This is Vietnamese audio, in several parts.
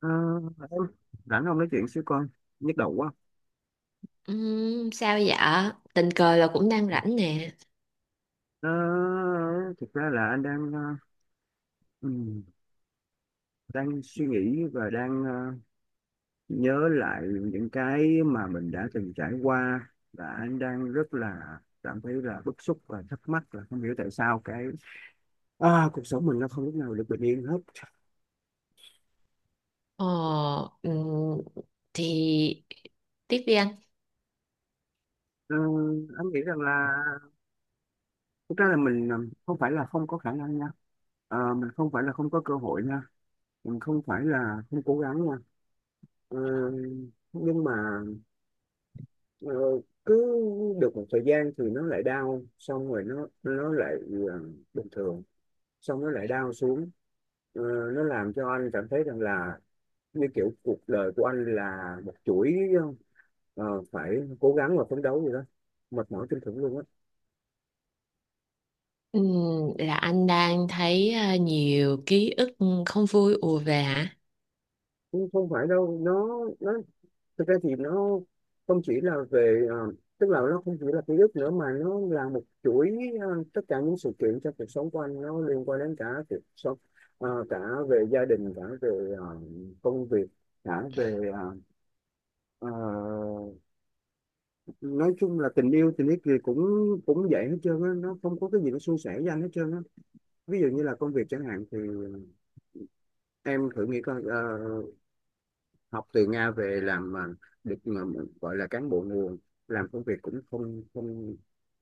Ờ, em rảnh không, nói chuyện xíu con, nhức đầu quá. Sao dạ? Tình cờ là cũng đang rảnh nè. Ờ, Thực ra là anh đang ừm, đang suy nghĩ và đang nhớ lại những cái mà mình đã từng trải qua, và anh đang rất là cảm thấy là bức xúc và thắc mắc là không hiểu tại sao cái cuộc sống mình nó không lúc nào được bình yên hết. Ờ, ừm, thì tiếp đi anh. Ờ, anh nghĩ rằng là thực ra là mình không phải là không có khả năng nha. Mình không phải là không có cơ hội nha, mình không phải là không cố gắng nha. Ờ, nhưng mà ờ, cứ được một thời gian thì nó lại đau, xong rồi nó lại ờ, bình thường, xong nó lại đau xuống. Ờ, nó làm cho anh cảm thấy rằng là như kiểu cuộc đời của anh là một chuỗi ờ, phải cố gắng và phấn đấu gì đó, mệt mỏi tinh thần luôn á. Ừm, là anh đang thấy nhiều ký ức không vui ùa về hả? Không, không phải đâu, nó thực ra thì nó không chỉ là về tức là nó không chỉ là ký ức nữa, mà nó là một chuỗi tất cả những sự kiện trong cuộc sống của anh, nó liên quan đến cả cuộc sống, cả về gia đình, cả về công việc, cả về ờ, nói chung là tình yêu, tình yêu thì cũng cũng vậy hết trơn á, nó không có cái gì nó suôn sẻ với anh hết trơn á. Ví dụ như là công việc chẳng hạn thì em thử nghĩ coi, học từ Nga về làm được mà gọi là cán bộ nguồn, làm công việc cũng không không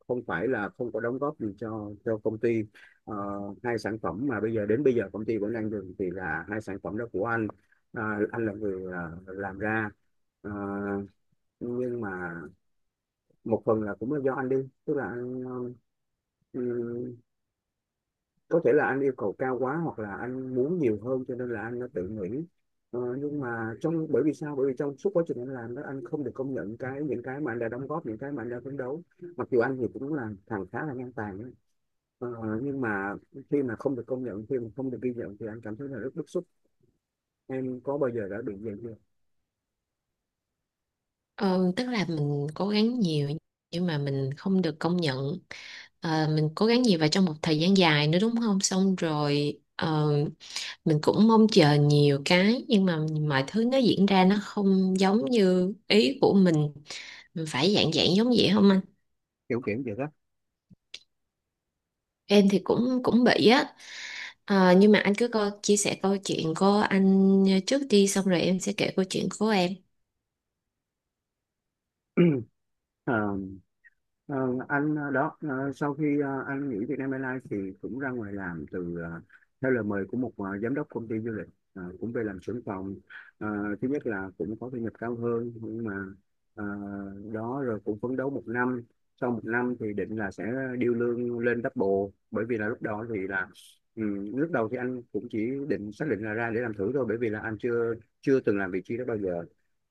không phải là không có đóng góp gì cho công ty. Ờ, Hai sản phẩm mà bây giờ đến bây giờ công ty vẫn đang dùng thì là hai sản phẩm đó của anh. Anh là người làm ra. Ờ, nhưng mà một phần là cũng là do anh đi, tức là anh ừ, có thể là anh yêu cầu cao quá hoặc là anh muốn nhiều hơn cho nên là anh đã tự nghĩ. Nhưng mà trong bởi vì sao bởi vì trong suốt quá trình anh làm đó, anh không được công nhận những cái mà anh đã đóng góp, những cái mà anh đã phấn đấu, mặc dù anh thì cũng là thằng khá là ngang tàn ấy. Ờ, nhưng mà khi mà không được công nhận, khi mà không được ghi nhận thì anh cảm thấy là rất bức xúc. Em có bao giờ đã bị vậy chưa? Ờ, tức là mình cố gắng nhiều nhưng mà mình không được công nhận. Ờ, mình cố gắng nhiều và trong một thời gian dài nữa đúng không? Xong rồi mình cũng mong chờ nhiều cái nhưng mà mọi thứ nó diễn ra nó không giống như ý của mình. Mình phải dạng dạng giống vậy không anh? Kiểu kiểu vậy đó. Em thì cũng cũng bị á. Ờ, nhưng mà anh cứ coi, chia sẻ câu chuyện của anh trước đi xong rồi em sẽ kể câu chuyện của em. Ờ, ờ, anh sau khi anh nghỉ Vietnam Airlines thì cũng ra ngoài làm từ theo lời mời của một giám đốc công ty du lịch. Cũng về làm trưởng phòng. Ờ, Thứ nhất là cũng có thu nhập cao hơn, nhưng mà ờ, đó rồi cũng phấn đấu một năm, sau một năm thì định là sẽ điêu lương lên double, bởi vì là lúc đó thì là ừ, lúc đầu thì anh cũng chỉ xác định là ra để làm thử thôi, bởi vì là anh chưa chưa từng làm vị trí đó bao giờ.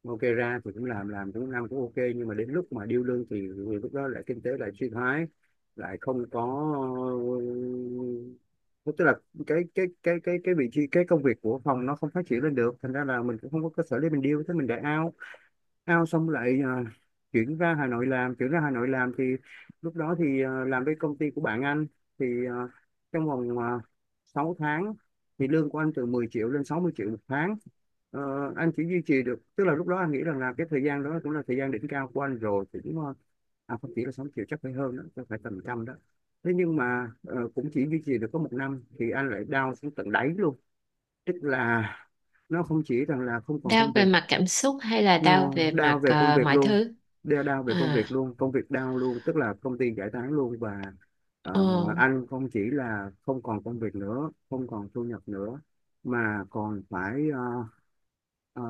Ok, ra thì cũng làm cũng năm cũng ok, nhưng mà đến lúc mà điêu lương thì lúc đó lại kinh tế lại suy thoái, lại không có, tức là cái vị trí, cái công việc của phòng nó không phát triển lên được, thành ra là mình cũng không có cơ sở để mình điêu, thế mình đại ao. Ao xong lại chuyển ra Hà Nội làm, thì lúc đó thì làm với công ty của bạn anh, thì trong vòng 6 tháng thì lương của anh từ 10 triệu lên 60 triệu một tháng. Ờ, anh chỉ duy trì được, tức là lúc đó anh nghĩ rằng là cái thời gian đó cũng là thời gian đỉnh cao của anh rồi thì cũng à, không chỉ là 6 triệu, chắc phải hơn đó, chắc phải tầm trăm đó. Thế nhưng mà cũng chỉ duy trì được có một năm thì anh lại down xuống tận đáy luôn, tức là nó không chỉ rằng là không còn công Đau việc, về mặt cảm xúc hay là đau nó về đau mặt về công việc mọi luôn. thứ? Đau về công À, việc luôn, công việc đau luôn, tức là công ty giải tán luôn, và ờ, ờ, anh không chỉ là không còn công việc nữa, không còn thu nhập nữa, mà còn phải ờ,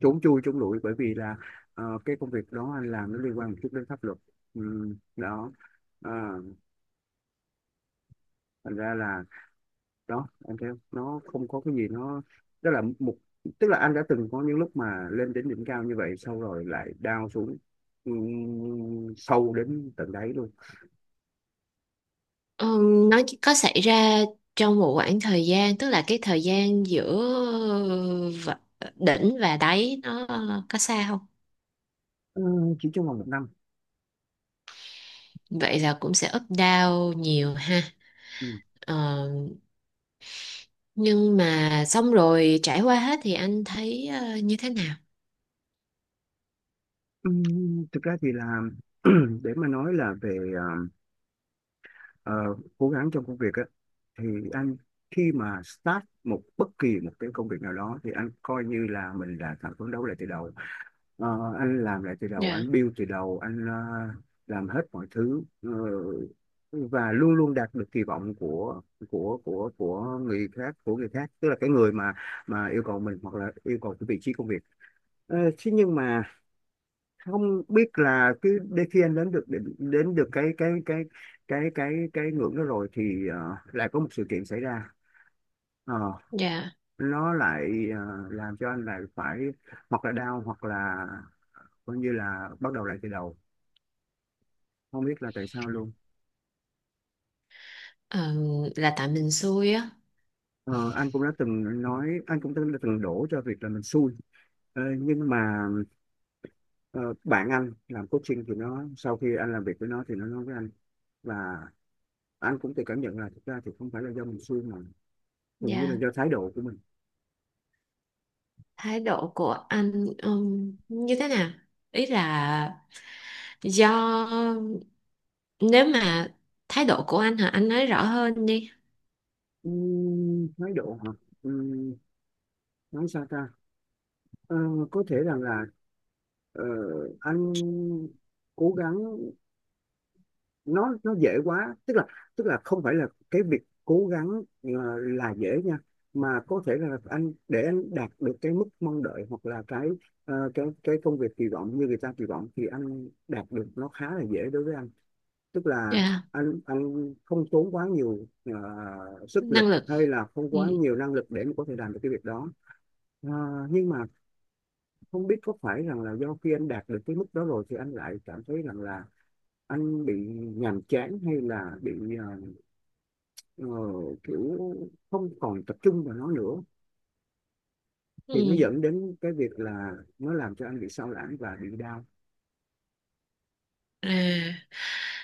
trốn chui trốn lủi, bởi vì là cái công việc đó anh làm nó liên quan một chút đến pháp luật. Đó. Ờ, Thành ra là, đó em thấy không? Nó không có cái gì nó, tức là một tức là anh đã từng có những lúc mà lên đến đỉnh cao như vậy, sau rồi lại down xuống sâu đến tận đáy luôn. ờ, nó chỉ có xảy ra trong một khoảng thời gian tức là cái thời gian giữa v- đỉnh và đáy nó có xa không? Ừ, chỉ trong vòng một năm. Vậy là cũng sẽ up down nhiều ha? Ừ. Ờ, nhưng mà xong rồi trải qua hết thì anh thấy như thế nào? Thực ra thì là để mà nói là về ờ, cố gắng trong công việc á, thì anh khi mà start một bất kỳ một cái công việc nào đó thì anh coi như là mình là thằng phấn đấu lại từ đầu. Ờ, anh làm lại từ đầu, Dạ. anh build từ đầu, anh làm hết mọi thứ, và luôn luôn đạt được kỳ vọng của người khác, tức là cái người mà yêu cầu mình hoặc là yêu cầu cái vị trí công việc. Thế nhưng mà không biết là cứ đến khi anh đến được cái ngưỡng đó rồi thì lại có một sự kiện xảy ra. Ờ, Dạ, nó lại làm cho anh lại phải hoặc là đau, hoặc là coi như là bắt đầu lại từ đầu, không biết là tại sao luôn. ờ, là tại mình xui á. Ờ, anh cũng đã từng nói, anh cũng từng đổ cho việc là mình xui. Nhưng mà ờ, bạn anh làm coaching, thì nó sau khi anh làm việc với nó thì nó nói với anh, và anh cũng tự cảm nhận là thực ra thì không phải là do mình xui, mà hình như là Dạ, do thái độ của mình. thái độ của anh như thế nào? Ý là do, nếu mà thái độ của anh hả, anh nói rõ hơn đi. Thái độ hả? Ừm, nói sao ta. Ờ, có thể rằng là ờ, anh cố gắng nó dễ quá, tức là không phải là cái việc cố gắng là dễ nha, mà có thể là anh để anh đạt được cái mức mong đợi, hoặc là cái cái công việc kỳ vọng như người ta kỳ vọng thì anh đạt được nó khá là dễ đối với anh, tức là Dạ, anh không tốn quá nhiều sức lực năng lực. hay là không Ừ. quá nhiều năng lực để mà có thể làm được cái việc đó. Ờ, nhưng mà không biết có phải rằng là do khi anh đạt được cái mức đó rồi thì anh lại cảm thấy rằng là anh bị nhàm chán, hay là bị ờ, ờ, kiểu không còn tập trung vào nó nữa, thì nó Ừ. dẫn đến cái việc là nó làm cho anh bị sao lãng và bị đau. À,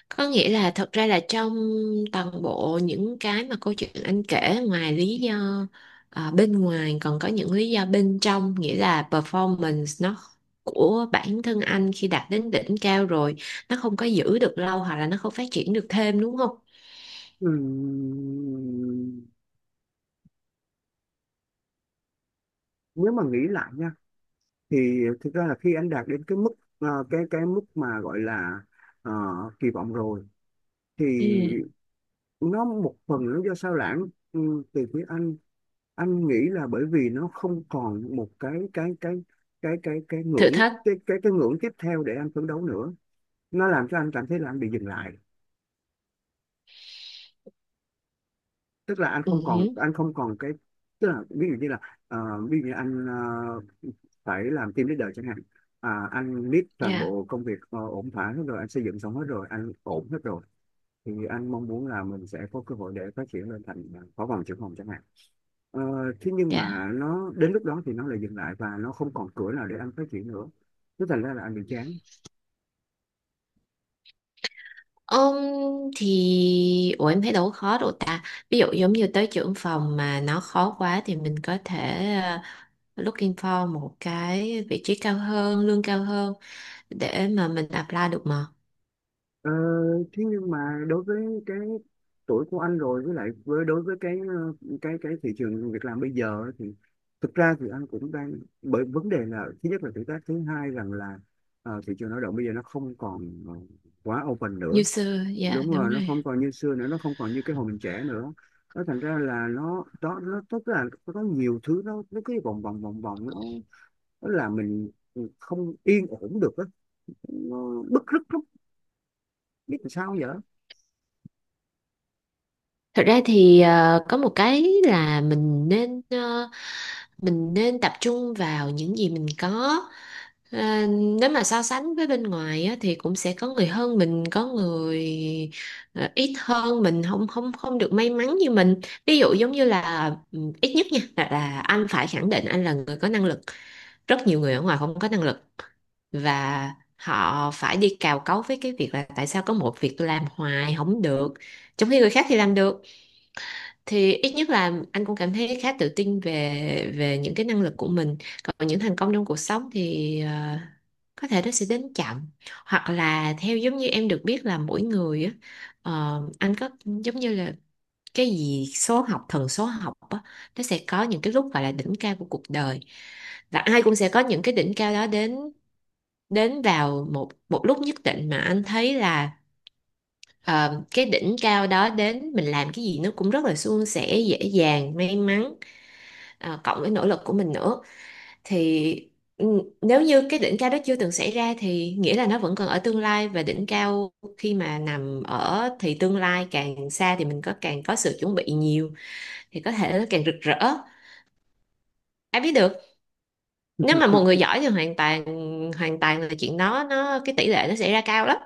có nghĩa là thật ra là trong toàn bộ những cái mà câu chuyện anh kể ngoài lý do à, bên ngoài còn có những lý do bên trong, nghĩa là performance nó của bản thân anh khi đạt đến đỉnh cao rồi nó không có giữ được lâu hoặc là nó không phát triển được thêm đúng không? Ừm, Nếu mà nghĩ lại nha, thì thực ra là khi anh đạt đến cái mức cái mức mà gọi là ờ, kỳ vọng rồi, thì Ừ, nó một phần nó do sao lãng từ phía anh. Anh nghĩ là bởi vì nó không còn một thử thách. Cái ngưỡng tiếp theo để anh phấn đấu nữa, nó làm cho anh cảm thấy là anh bị dừng lại, tức là Ừ, anh không còn cái tức là ví dụ như là ờ, ví dụ như anh phải làm team leader chẳng hạn, anh biết toàn dạ, bộ công việc ổn thỏa hết rồi, anh xây dựng xong hết rồi, anh ổn hết rồi, thì anh mong muốn là mình sẽ có cơ hội để phát triển lên thành phó phòng, trưởng phòng chẳng hạn. Ờ, Thế nhưng dạ. mà nó đến lúc đó thì nó lại dừng lại, và nó không còn cửa nào để anh phát triển nữa, thế thành ra là anh bị chán. Ông thì ủa em thấy đâu có khó đâu ta. Ví dụ giống như tới trưởng phòng mà nó khó quá thì mình có thể looking for một cái vị trí cao hơn, lương cao hơn để mà mình apply được mà. Ờ, Thế nhưng mà đối với cái tuổi của anh rồi, với lại đối với cái cái thị trường việc làm bây giờ ấy, thì thực ra thì anh cũng đang, bởi vấn đề là thứ nhất là tuổi tác, thứ hai rằng là thị trường lao động bây giờ nó không còn quá open nữa. User, dạ Đúng đúng rồi, nó rồi. không còn như xưa nữa, nó không còn như cái hồi mình trẻ nữa, nó thành ra là nó đó, nó tức là nó có nhiều thứ nó cứ vòng vòng vòng vòng, nó làm mình không yên ổn được á, nó bứt rứt lắm, biết làm sao giờ. Thật ra thì có một cái là mình nên mình nên tập trung vào những gì mình có. Ờ, nếu mà so sánh với bên ngoài á, thì cũng sẽ có người hơn mình, có người ít hơn mình, không không không được may mắn như mình. Ví dụ giống như là ừ, ít nhất nha là anh phải khẳng định anh là người có năng lực. Rất nhiều người ở ngoài không có năng lực và họ phải đi cào cấu với cái việc là tại sao có một việc tôi làm hoài không được, trong khi người khác thì làm được. Thì ít nhất là anh cũng cảm thấy khá tự tin về về những cái năng lực của mình. Còn những thành công trong cuộc sống thì có thể nó sẽ đến chậm, hoặc là theo giống như em được biết là mỗi người á, anh có giống như là cái gì số học, thần số học á, nó sẽ có những cái lúc gọi là đỉnh cao của cuộc đời, và ai cũng sẽ có những cái đỉnh cao đó đến, đến vào một một lúc nhất định mà anh thấy là. Ờ, cái đỉnh cao đó đến mình làm cái gì nó cũng rất là suôn sẻ, dễ dàng, may mắn, cộng với nỗ lực của mình nữa thì ừ, nếu như cái đỉnh cao đó chưa từng xảy ra thì nghĩa là nó vẫn còn ở tương lai, và đỉnh cao khi mà nằm ở thì tương lai càng xa thì mình có càng có sự chuẩn bị nhiều thì có thể nó càng rực rỡ. Ai biết được, nếu mà một người giỏi thì hoàn toàn, là chuyện đó nó cái tỷ lệ nó xảy ra cao lắm.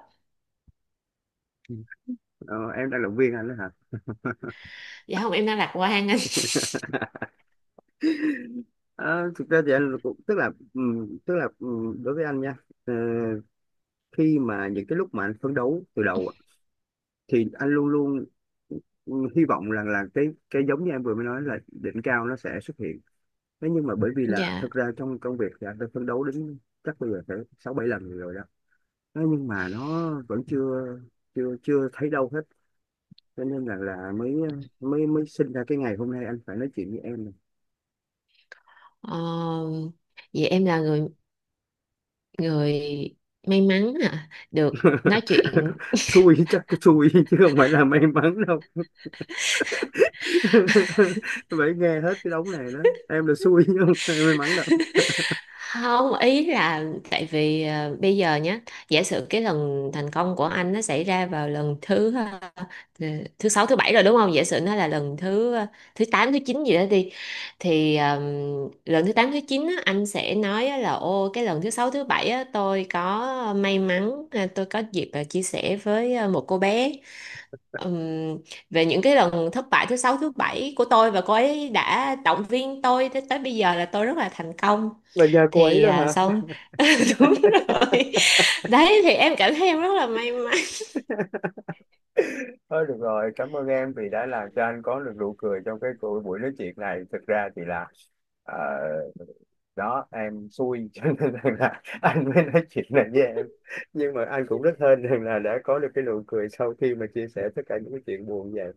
Ờ, em đang động viên anh đó hả? Dạ không, em đang lạc quan anh. Ờ, Thực ra thì anh cũng tức là đối với anh nha, ờ, khi mà những cái lúc mà anh phấn đấu từ đầu á, thì anh luôn luôn hy vọng rằng là cái giống như em vừa mới nói là đỉnh cao nó sẽ xuất hiện. Thế nhưng mà bởi vì là Dạ. thực ra trong công việc thì anh đã phấn đấu đến chắc bây giờ phải 6 7 lần rồi đó, thế nhưng mà nó vẫn chưa chưa chưa thấy đâu hết, cho nên là mới mới mới sinh ra cái ngày hôm nay anh phải nói chuyện với em. Ờ, vậy em là người, người may mắn à được nói chuyện. Xui, chắc cái xui chứ không phải là may mắn đâu. Phải nghe hết cái đống này đó, em là xui chứ không phải may mắn đâu. Không, ý là tại vì bây giờ nhé, giả sử cái lần thành công của anh nó xảy ra vào lần thứ thứ sáu thứ bảy rồi đúng không, giả sử nó là lần thứ thứ tám thứ chín gì đó đi, thì lần thứ tám thứ chín á, anh sẽ nói á là ô cái lần thứ sáu thứ bảy á, tôi có may mắn tôi có dịp chia sẻ với một cô bé. Ừm, về những cái lần thất bại thứ sáu thứ bảy của tôi và cô ấy đã động viên tôi tới, tới bây giờ là tôi rất là thành công. Là nhà cô ấy Thì đó à, hả? sau đúng rồi. Đấy thì em cảm thấy em rất là may mắn. Thôi được rồi, cảm ơn em vì đã làm cho anh có được nụ cười trong cái cuộc buổi nói chuyện này. Thực ra thì là ờ, đó em xui cho nên rằng là anh mới nói chuyện này với em, nhưng mà anh cũng rất hên rằng là đã có được cái nụ cười sau khi mà chia sẻ tất cả những cái chuyện buồn như vậy.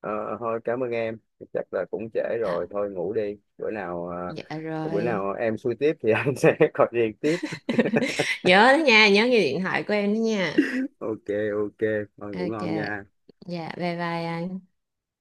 Ờ, Thôi cảm ơn em, chắc là cũng trễ À, rồi, thôi ngủ đi. Bữa nào ờ, dạ bữa rồi. nào em xui tiếp thì anh sẽ gọi điện tiếp. Nhớ đó nha, nhớ nghe điện thoại của em đó nha. Ok, ok, thôi ngủ Ok, ngon nha. dạ bye bye anh.